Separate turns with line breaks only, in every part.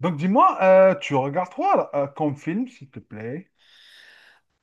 Donc dis-moi, tu regardes quoi là, comme film, s'il te plaît?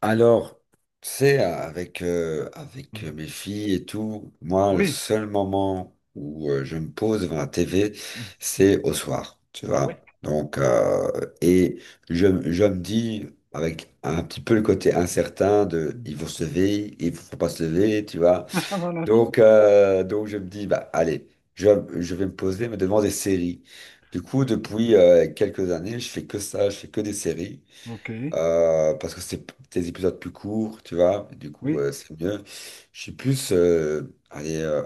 Alors, tu sais, avec, avec
Mm.
mes filles et tout, moi, le
Oui.
seul moment où je me pose devant la TV,
Mm.
c'est au soir, tu
Oui.
vois. Donc, et je me dis, avec un petit peu le côté incertain de,
Mm.
ils vont se lever, ils vont pas se lever, tu vois.
Voilà, je vois ça.
Donc je me dis, bah, allez, je, je vais me poser, mais devant des séries. Du coup,
Oui.
depuis quelques années, je fais que ça, je fais que des séries.
Ok. Oui.
Parce que des épisodes plus courts, tu vois, du coup, c'est mieux. Je suis plus, allez,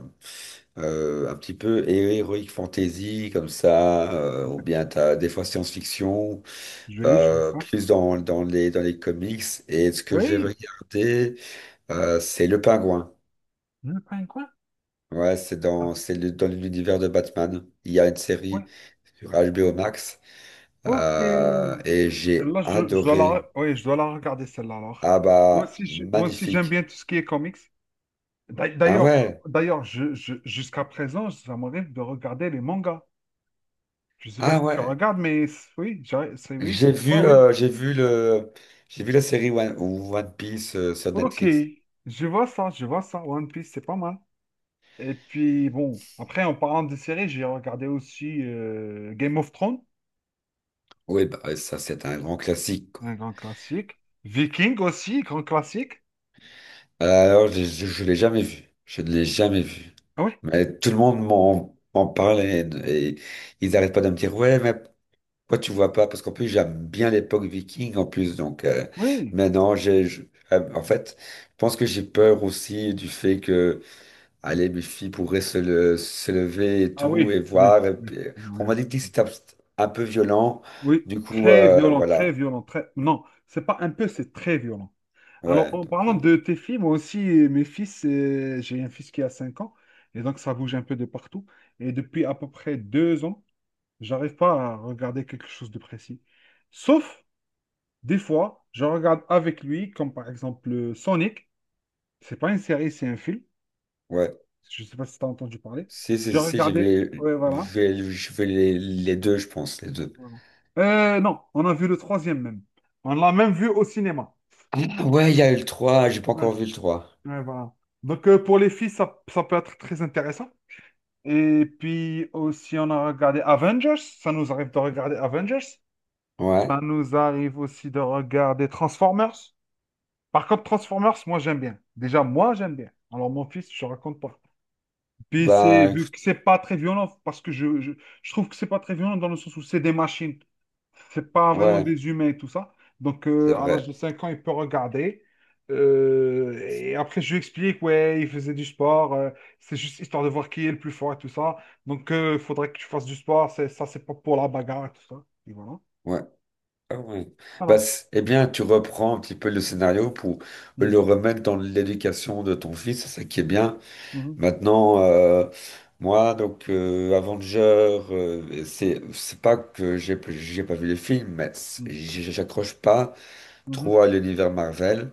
euh, un petit peu héroïque fantasy, comme ça, ou
Oui.
bien t'as des fois science-fiction,
Je vais, je vois ça.
plus dans, dans les comics. Et ce que j'ai
Oui.
regardé, c'est Le Pingouin.
Le pain quoi?
Ouais, c'est
Ah,
dans, dans l'univers de Batman. Il y a une série
ouais.
sur HBO Max,
Ok.
et j'ai
Celle-là, je dois la,
adoré.
oui, je dois la regarder, celle-là, alors.
Ah
Moi
bah,
aussi, moi aussi, j'aime
magnifique.
bien tout ce qui est comics.
Ah
D'ailleurs,
ouais,
d'ailleurs, jusqu'à présent, ça m'arrive de regarder les mangas. Je sais pas
ah
si tu
ouais.
regardes, mais oui, c'est oui, oui.
J'ai vu le, j'ai vu la série One Piece sur
Ok,
Netflix.
je vois ça, je vois ça. One Piece, c'est pas mal. Et puis bon, après en parlant de séries, j'ai regardé aussi Game of Thrones,
Oui, bah ouais, ça c'est un grand classique, quoi.
un grand classique. Viking aussi, grand classique.
Alors je l'ai jamais vu, je ne l'ai jamais vu.
Ah oui,
Mais tout le monde m'en parle et ils n'arrêtent pas de me dire ouais, mais pourquoi tu vois pas? Parce qu'en plus j'aime bien l'époque viking en plus, donc
oui.
maintenant en fait, je pense que j'ai peur aussi du fait que allez, mes filles pourraient se lever et
Ah oui,
tout, et
oui,
voir. Et
oui.
puis,
Oui,
on m'a
oui.
dit que c'était un peu violent.
Oui,
Du coup,
très violent, très
voilà.
violent, très. Non, c'est pas un peu, c'est très violent. Alors
Ouais,
en
donc,
parlant de tes filles, moi aussi, mes fils, j'ai un fils qui a 5 ans, et donc ça bouge un peu de partout. Et depuis à peu près 2 ans. J'arrive pas à regarder quelque chose de précis. Sauf, des fois, je regarde avec lui, comme par exemple Sonic. C'est pas une série, c'est un film.
ouais.
Je sais pas si tu as entendu parler.
Si, si,
J'ai
si,
regardé. Ouais, voilà.
je vais les deux, je pense, les deux.
Voilà. Non, on a vu le troisième même. On l'a même vu au cinéma.
Ah ouais, il y a eu le trois. J'ai pas
Ouais,
encore vu le 3.
ouais, voilà. Donc, pour les filles, ça peut être très intéressant. Et puis aussi, on a regardé Avengers. Ça nous arrive de regarder Avengers. Ça
Ouais,
nous arrive aussi de regarder Transformers. Par contre, Transformers, moi, j'aime bien. Déjà, moi, j'aime bien. Alors, mon fils, je raconte pas. Puis, c'est,
bah,
vu
écoute,
que c'est pas très violent, parce que je trouve que c'est pas très violent dans le sens où c'est des machines. C'est pas vraiment
ouais,
des humains et tout ça. Donc,
c'est
à l'âge
vrai.
de 5 ans, il peut regarder. Et après, je lui explique, ouais, il faisait du sport. C'est juste histoire de voir qui est le plus fort et tout ça. Donc, il faudrait que tu fasses du sport. C'est, ça, c'est pas pour la bagarre et tout ça. Et voilà.
Ouais. Ah ouais. Bah,
Voilà.
c'est- eh bien, tu reprends un petit peu le scénario pour
Mm,
le remettre dans l'éducation de ton fils, c'est ça qui est bien.
mhm,
Maintenant, moi, donc Avenger, c'est pas que j'ai pas vu les films, mais c'est-
mm,
j'accroche pas
mhm.
trop à l'univers Marvel.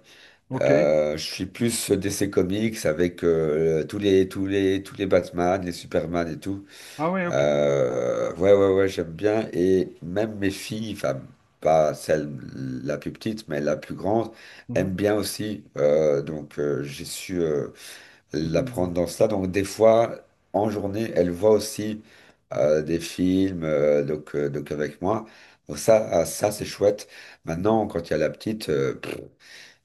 OK.
Je suis plus DC Comics avec tous les Batman, les Superman et tout.
Ah ouais, OK.
Ouais, j'aime bien et même mes filles, enfin pas celle la plus petite, mais la plus grande,
Mhm,
aime bien aussi. Donc j'ai su la prendre
mhm.
dans ça. Donc des fois, en journée, elle voit aussi des films donc avec moi. Donc ça, ah, ça c'est chouette.
Mhm.
Maintenant, quand il y a la petite,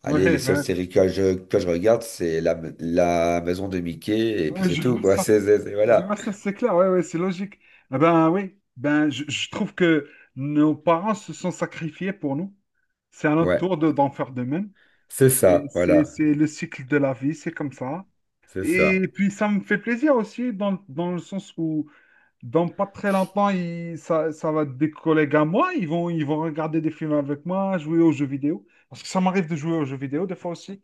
allez,
Ouais,
les seules
ben,
séries que que je regarde, c'est la maison de Mickey et puis
ouais,
c'est tout, quoi. C'est,
je
voilà.
vois ça, c'est clair, ouais, ouais, c'est logique. Ah ben oui, ben je trouve que nos parents se sont sacrifiés pour nous. C'est à notre
Ouais,
tour de, d'en faire de même.
c'est
Et
ça, voilà,
c'est le cycle de la vie, c'est comme ça.
c'est ça.
Et puis ça me fait plaisir aussi dans, dans le sens où dans pas très longtemps, ça, ça va être des collègues à moi, ils vont regarder des films avec moi, jouer aux jeux vidéo. Parce que ça m'arrive de jouer aux jeux vidéo des fois aussi.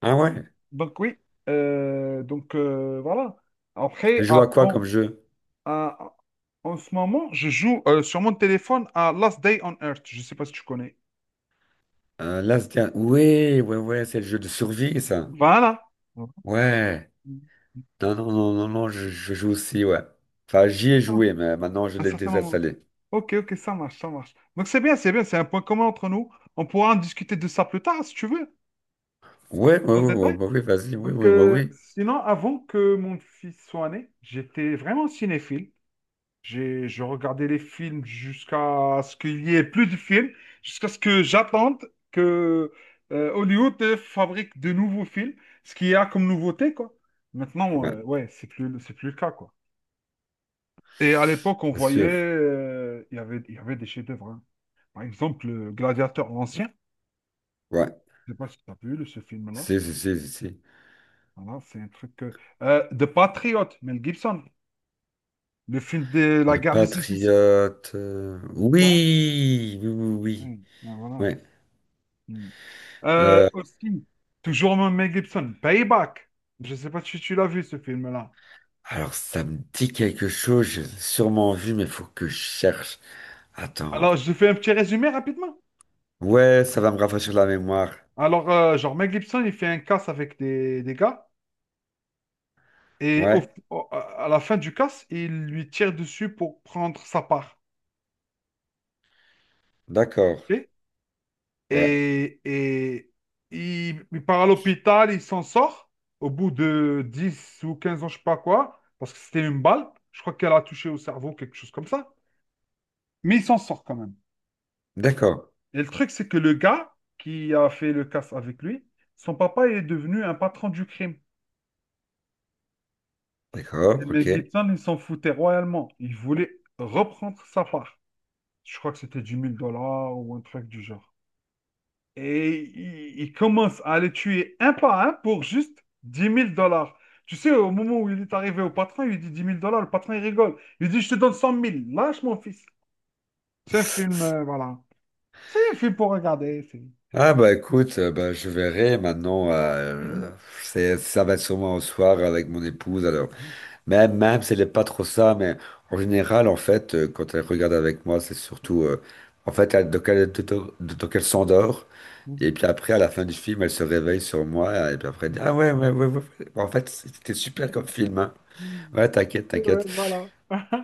Ah ouais,
Donc oui, voilà. Après,
je joue
ah,
à quoi
bon,
comme jeu?
ah, en ce moment, je joue sur mon téléphone à Last Day on Earth. Je ne sais pas si tu connais.
Un Last Guardian. Ouais, ouais, ouais, c'est le jeu de survie, ça.
Voilà.
Ouais. Non, non, non, non, non, je joue aussi, ouais. Enfin, j'y ai
C'est ça,
joué, mais maintenant je
un
l'ai
certain moment.
désinstallé.
Ok, ok, ça marche, ça marche. Donc c'est bien, c'est bien, c'est un point commun entre nous. On pourra en discuter de ça plus tard, si tu veux,
Ouais, ouais,
dans le
ouais, ouais,
détail.
bah oui, vas-y, oui,
Donc
oui, bah oui.
sinon, avant que mon fils soit né, j'étais vraiment cinéphile. J'ai, je regardais les films jusqu'à ce qu'il y ait plus de films, jusqu'à ce que j'attende que Hollywood fabrique de nouveaux films, ce qu'il y a comme nouveauté, quoi. Maintenant,
Ouais,
ouais, c'est plus le cas, quoi. Et à l'époque, on
bien
voyait,
sûr.
il y avait des chefs-d'œuvre, hein. Par exemple, le Gladiateur l'ancien.
Ouais.
Je sais pas si tu as vu ce film-là.
Si, si, si, si, si.
Voilà, c'est un truc de Patriote, Mel Gibson. Le film de la
Le
guerre des 6.
Patriote. Oui, oui, oui,
Voilà.
oui. Ouais.
Hmm. Aussi, toujours Mel Gibson, Payback. Je ne sais pas si tu l'as vu ce film-là.
Alors, ça me dit quelque chose, j'ai sûrement vu, mais faut que je cherche. Attends.
Alors, je fais un petit résumé rapidement.
Ouais, ça va me rafraîchir la mémoire.
Alors, genre, Mel Gibson, il fait un casse avec des gars et
Ouais,
à la fin du casse, il lui tire dessus pour prendre sa part.
d'accord.
Ok.
Ouais,
Et il part à l'hôpital, il s'en sort au bout de 10 ou 15 ans, je sais pas quoi, parce que c'était une balle. Je crois qu'elle a touché au cerveau, quelque chose comme ça. Mais il s'en sort quand même.
d'accord.
Et le truc, c'est que le gars qui a fait le casse avec lui, son papa est devenu un patron du crime. Et
D'accord,
Mel
ok.
Gibson, il s'en foutait royalement. Il voulait reprendre sa part. Je crois que c'était 10 000 dollars ou un truc du genre. Et il commence à les tuer un par un pour juste 10 000 dollars. Tu sais, au moment où il est arrivé au patron, il lui dit 10 000 dollars. Le patron, il rigole. Il dit, je te donne 100 000. Lâche mon fils. C'est un film, voilà. C'est un film pour regarder.
Ah bah écoute, bah, je verrai maintenant. C'est, ça va être sûrement au soir avec mon épouse. Alors même si elle n'est pas trop ça, mais en général en fait, quand elle regarde avec moi, c'est surtout en fait donc elle s'endort et puis après à la fin du film, elle se réveille sur moi et puis après elle dit ah Bon, en fait c'était super comme film hein. Ouais,
Ouais, ouais,
t'inquiète.
voilà.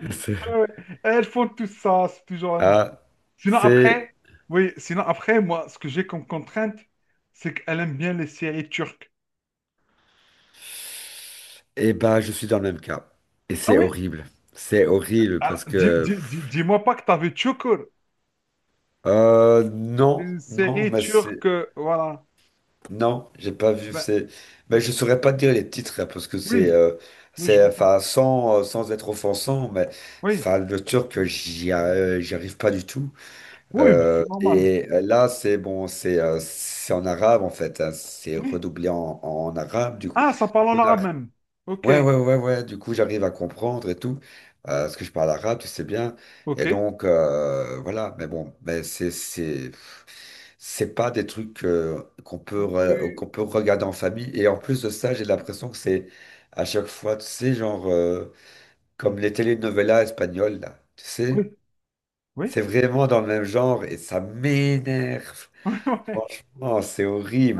C'est-
Ouais, ouais. Elles font tout ça, c'est toujours la même
Ah
chose. Sinon
c'est
après, oui, sinon après, moi, ce que j'ai comme contrainte, c'est qu'elle aime bien les séries turques.
et ben je suis dans le même cas et
Ah
c'est
oui?
horrible. C'est horrible
Alors,
parce
dis,
que
dis-moi pas que t'as vu Çukur,
Non,
une
non,
série
mais
turque,
c'est...
voilà.
Non, j'ai pas vu.
Ben,
C'est... Mais
m-
je saurais pas te dire les titres, hein, parce que
oui, oui, je
c'est
vois ça.
enfin, sans, sans être offensant, mais
Oui,
enfin, le turc, j'y arrive pas du tout.
oui, mais c'est normal.
Et là, c'est bon, c'est en arabe, en fait. Hein, c'est
Oui.
redoublé en, en arabe, du coup.
Ah, ça parle
On
en
a-
arabe même. Ok,
Ouais, ouais, ouais, ouais. Du coup, j'arrive à comprendre et tout. Parce que je parle arabe, tu sais bien.
ok.
Et donc, voilà. Mais bon, mais c'est... C'est pas des trucs qu'on peut, qu'on
Oui,
peut regarder en famille. Et en plus de ça, j'ai l'impression que c'est à chaque fois, tu sais, genre comme les telenovelas espagnoles, là. Tu sais,
oui,
c'est
oui.
vraiment dans le même genre et ça m'énerve.
Oui.
Franchement, c'est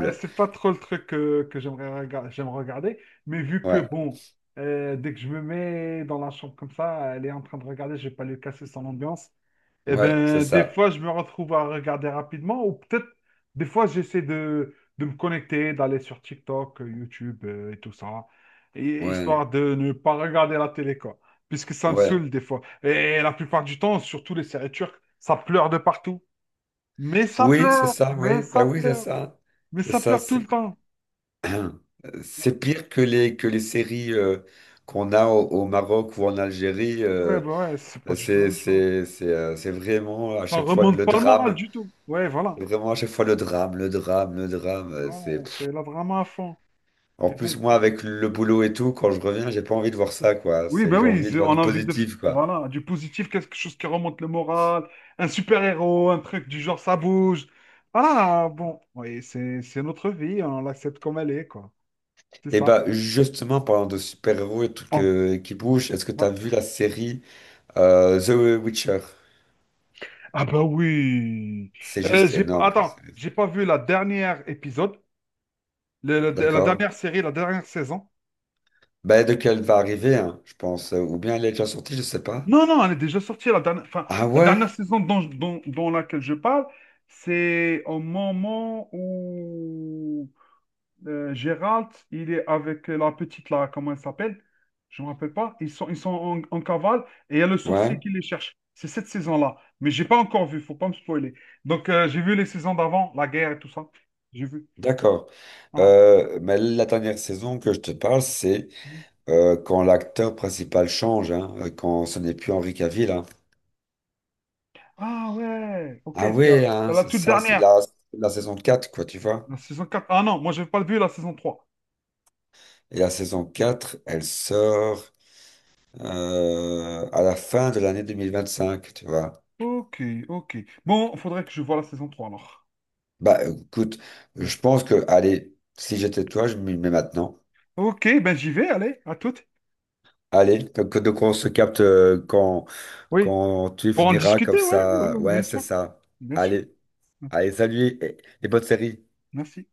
Ouais, c'est pas trop le truc que j'aime regarder, mais vu que
Ouais,
bon, dès que je me mets dans la chambre comme ça, elle est en train de regarder, je vais pas lui casser son ambiance. Et
ouais, c'est
ben des fois
ça.
je me retrouve à regarder rapidement, ou peut-être des fois j'essaie de me connecter, d'aller sur TikTok, YouTube et tout ça,
Ouais,
histoire de ne pas regarder la télé quoi, puisque ça me
ouais.
saoule des fois. Et la plupart du temps, surtout les séries turques, ça pleure de partout. Mais ça
Oui, c'est
pleure,
ça,
mais
oui. Ben
ça
oui, c'est
pleure,
ça.
mais
C'est
ça
ça,
pleure tout le temps.
c'est pire que les séries qu'on a au, au Maroc ou en Algérie.
Ouais, bah ouais, c'est pas du tout la
C'est,
même chose.
c'est vraiment à
Ça
chaque fois
remonte
le
pas le moral
drame.
du tout. Ouais, voilà.
C'est vraiment à chaque fois le drame, le drame, le drame.
Voilà,
C'est...
c'est là vraiment à fond.
En
Mais bon.
plus, moi, avec le boulot et tout, quand je reviens, j'ai pas envie de voir ça, quoi.
Oui,
C'est...
bah
J'ai
oui,
envie de voir
on
du
a envie de.
positif, quoi.
Voilà, du positif, quelque chose qui remonte le moral, un super-héros, un truc du genre ça bouge. Voilà, bon. Oui, c'est notre vie, on l'accepte comme elle est, quoi. C'est
Et
ça.
bah, justement, parlant de super-héros et tout
On-
que... qui bougent, est-ce que
Ouais.
t'as vu la série The Witcher?
Ah bah oui.
C'est juste
J'ai...
énorme comme
Attends,
série.
j'ai pas vu la dernière épisode, la
D'accord?
dernière série, la dernière saison.
Bah, de quelle va arriver, hein, je pense. Ou bien elle est déjà sortie, je sais pas.
Non, non, elle est déjà sortie. La dernière, enfin,
Ah
la
ouais?
dernière saison dont, dont laquelle je parle, c'est au moment où Gérald, il est avec la petite, là, comment elle s'appelle? Je ne me rappelle pas. Ils sont en, en cavale et il y a le sorcier
Ouais.
qui les cherche. C'est cette saison-là. Mais j'ai pas encore vu, faut pas me spoiler. Donc, j'ai vu les saisons d'avant, la guerre et tout ça. J'ai vu.
D'accord.
Voilà.
Mais la dernière saison que je te parle, c'est quand l'acteur principal change, hein, quand ce n'est plus Henri Cavill. Hein.
Ah ouais, ok,
Ah oui,
c'est
hein,
la
c'est
toute
ça, c'est
dernière.
la, la saison 4, quoi, tu vois.
La saison quatre. Ah non, moi, je n'ai pas vu la saison trois.
Et la saison 4, elle sort à la fin de l'année 2025, tu vois.
Ok, ok. Bon, faudrait que je voie la saison 3 alors.
Bah écoute,
Hmm.
je pense que, allez, si j'étais toi, je m'y mets maintenant.
Ok, ben j'y vais, allez, à toutes.
Allez, donc on se capte
Oui,
quand tu
pour en
finiras comme
discuter, ouais, ouais,
ça.
ouais,
Ouais,
bien
c'est
sûr,
ça.
bien sûr.
Allez. Allez, salut, et- les bonnes séries.
Merci.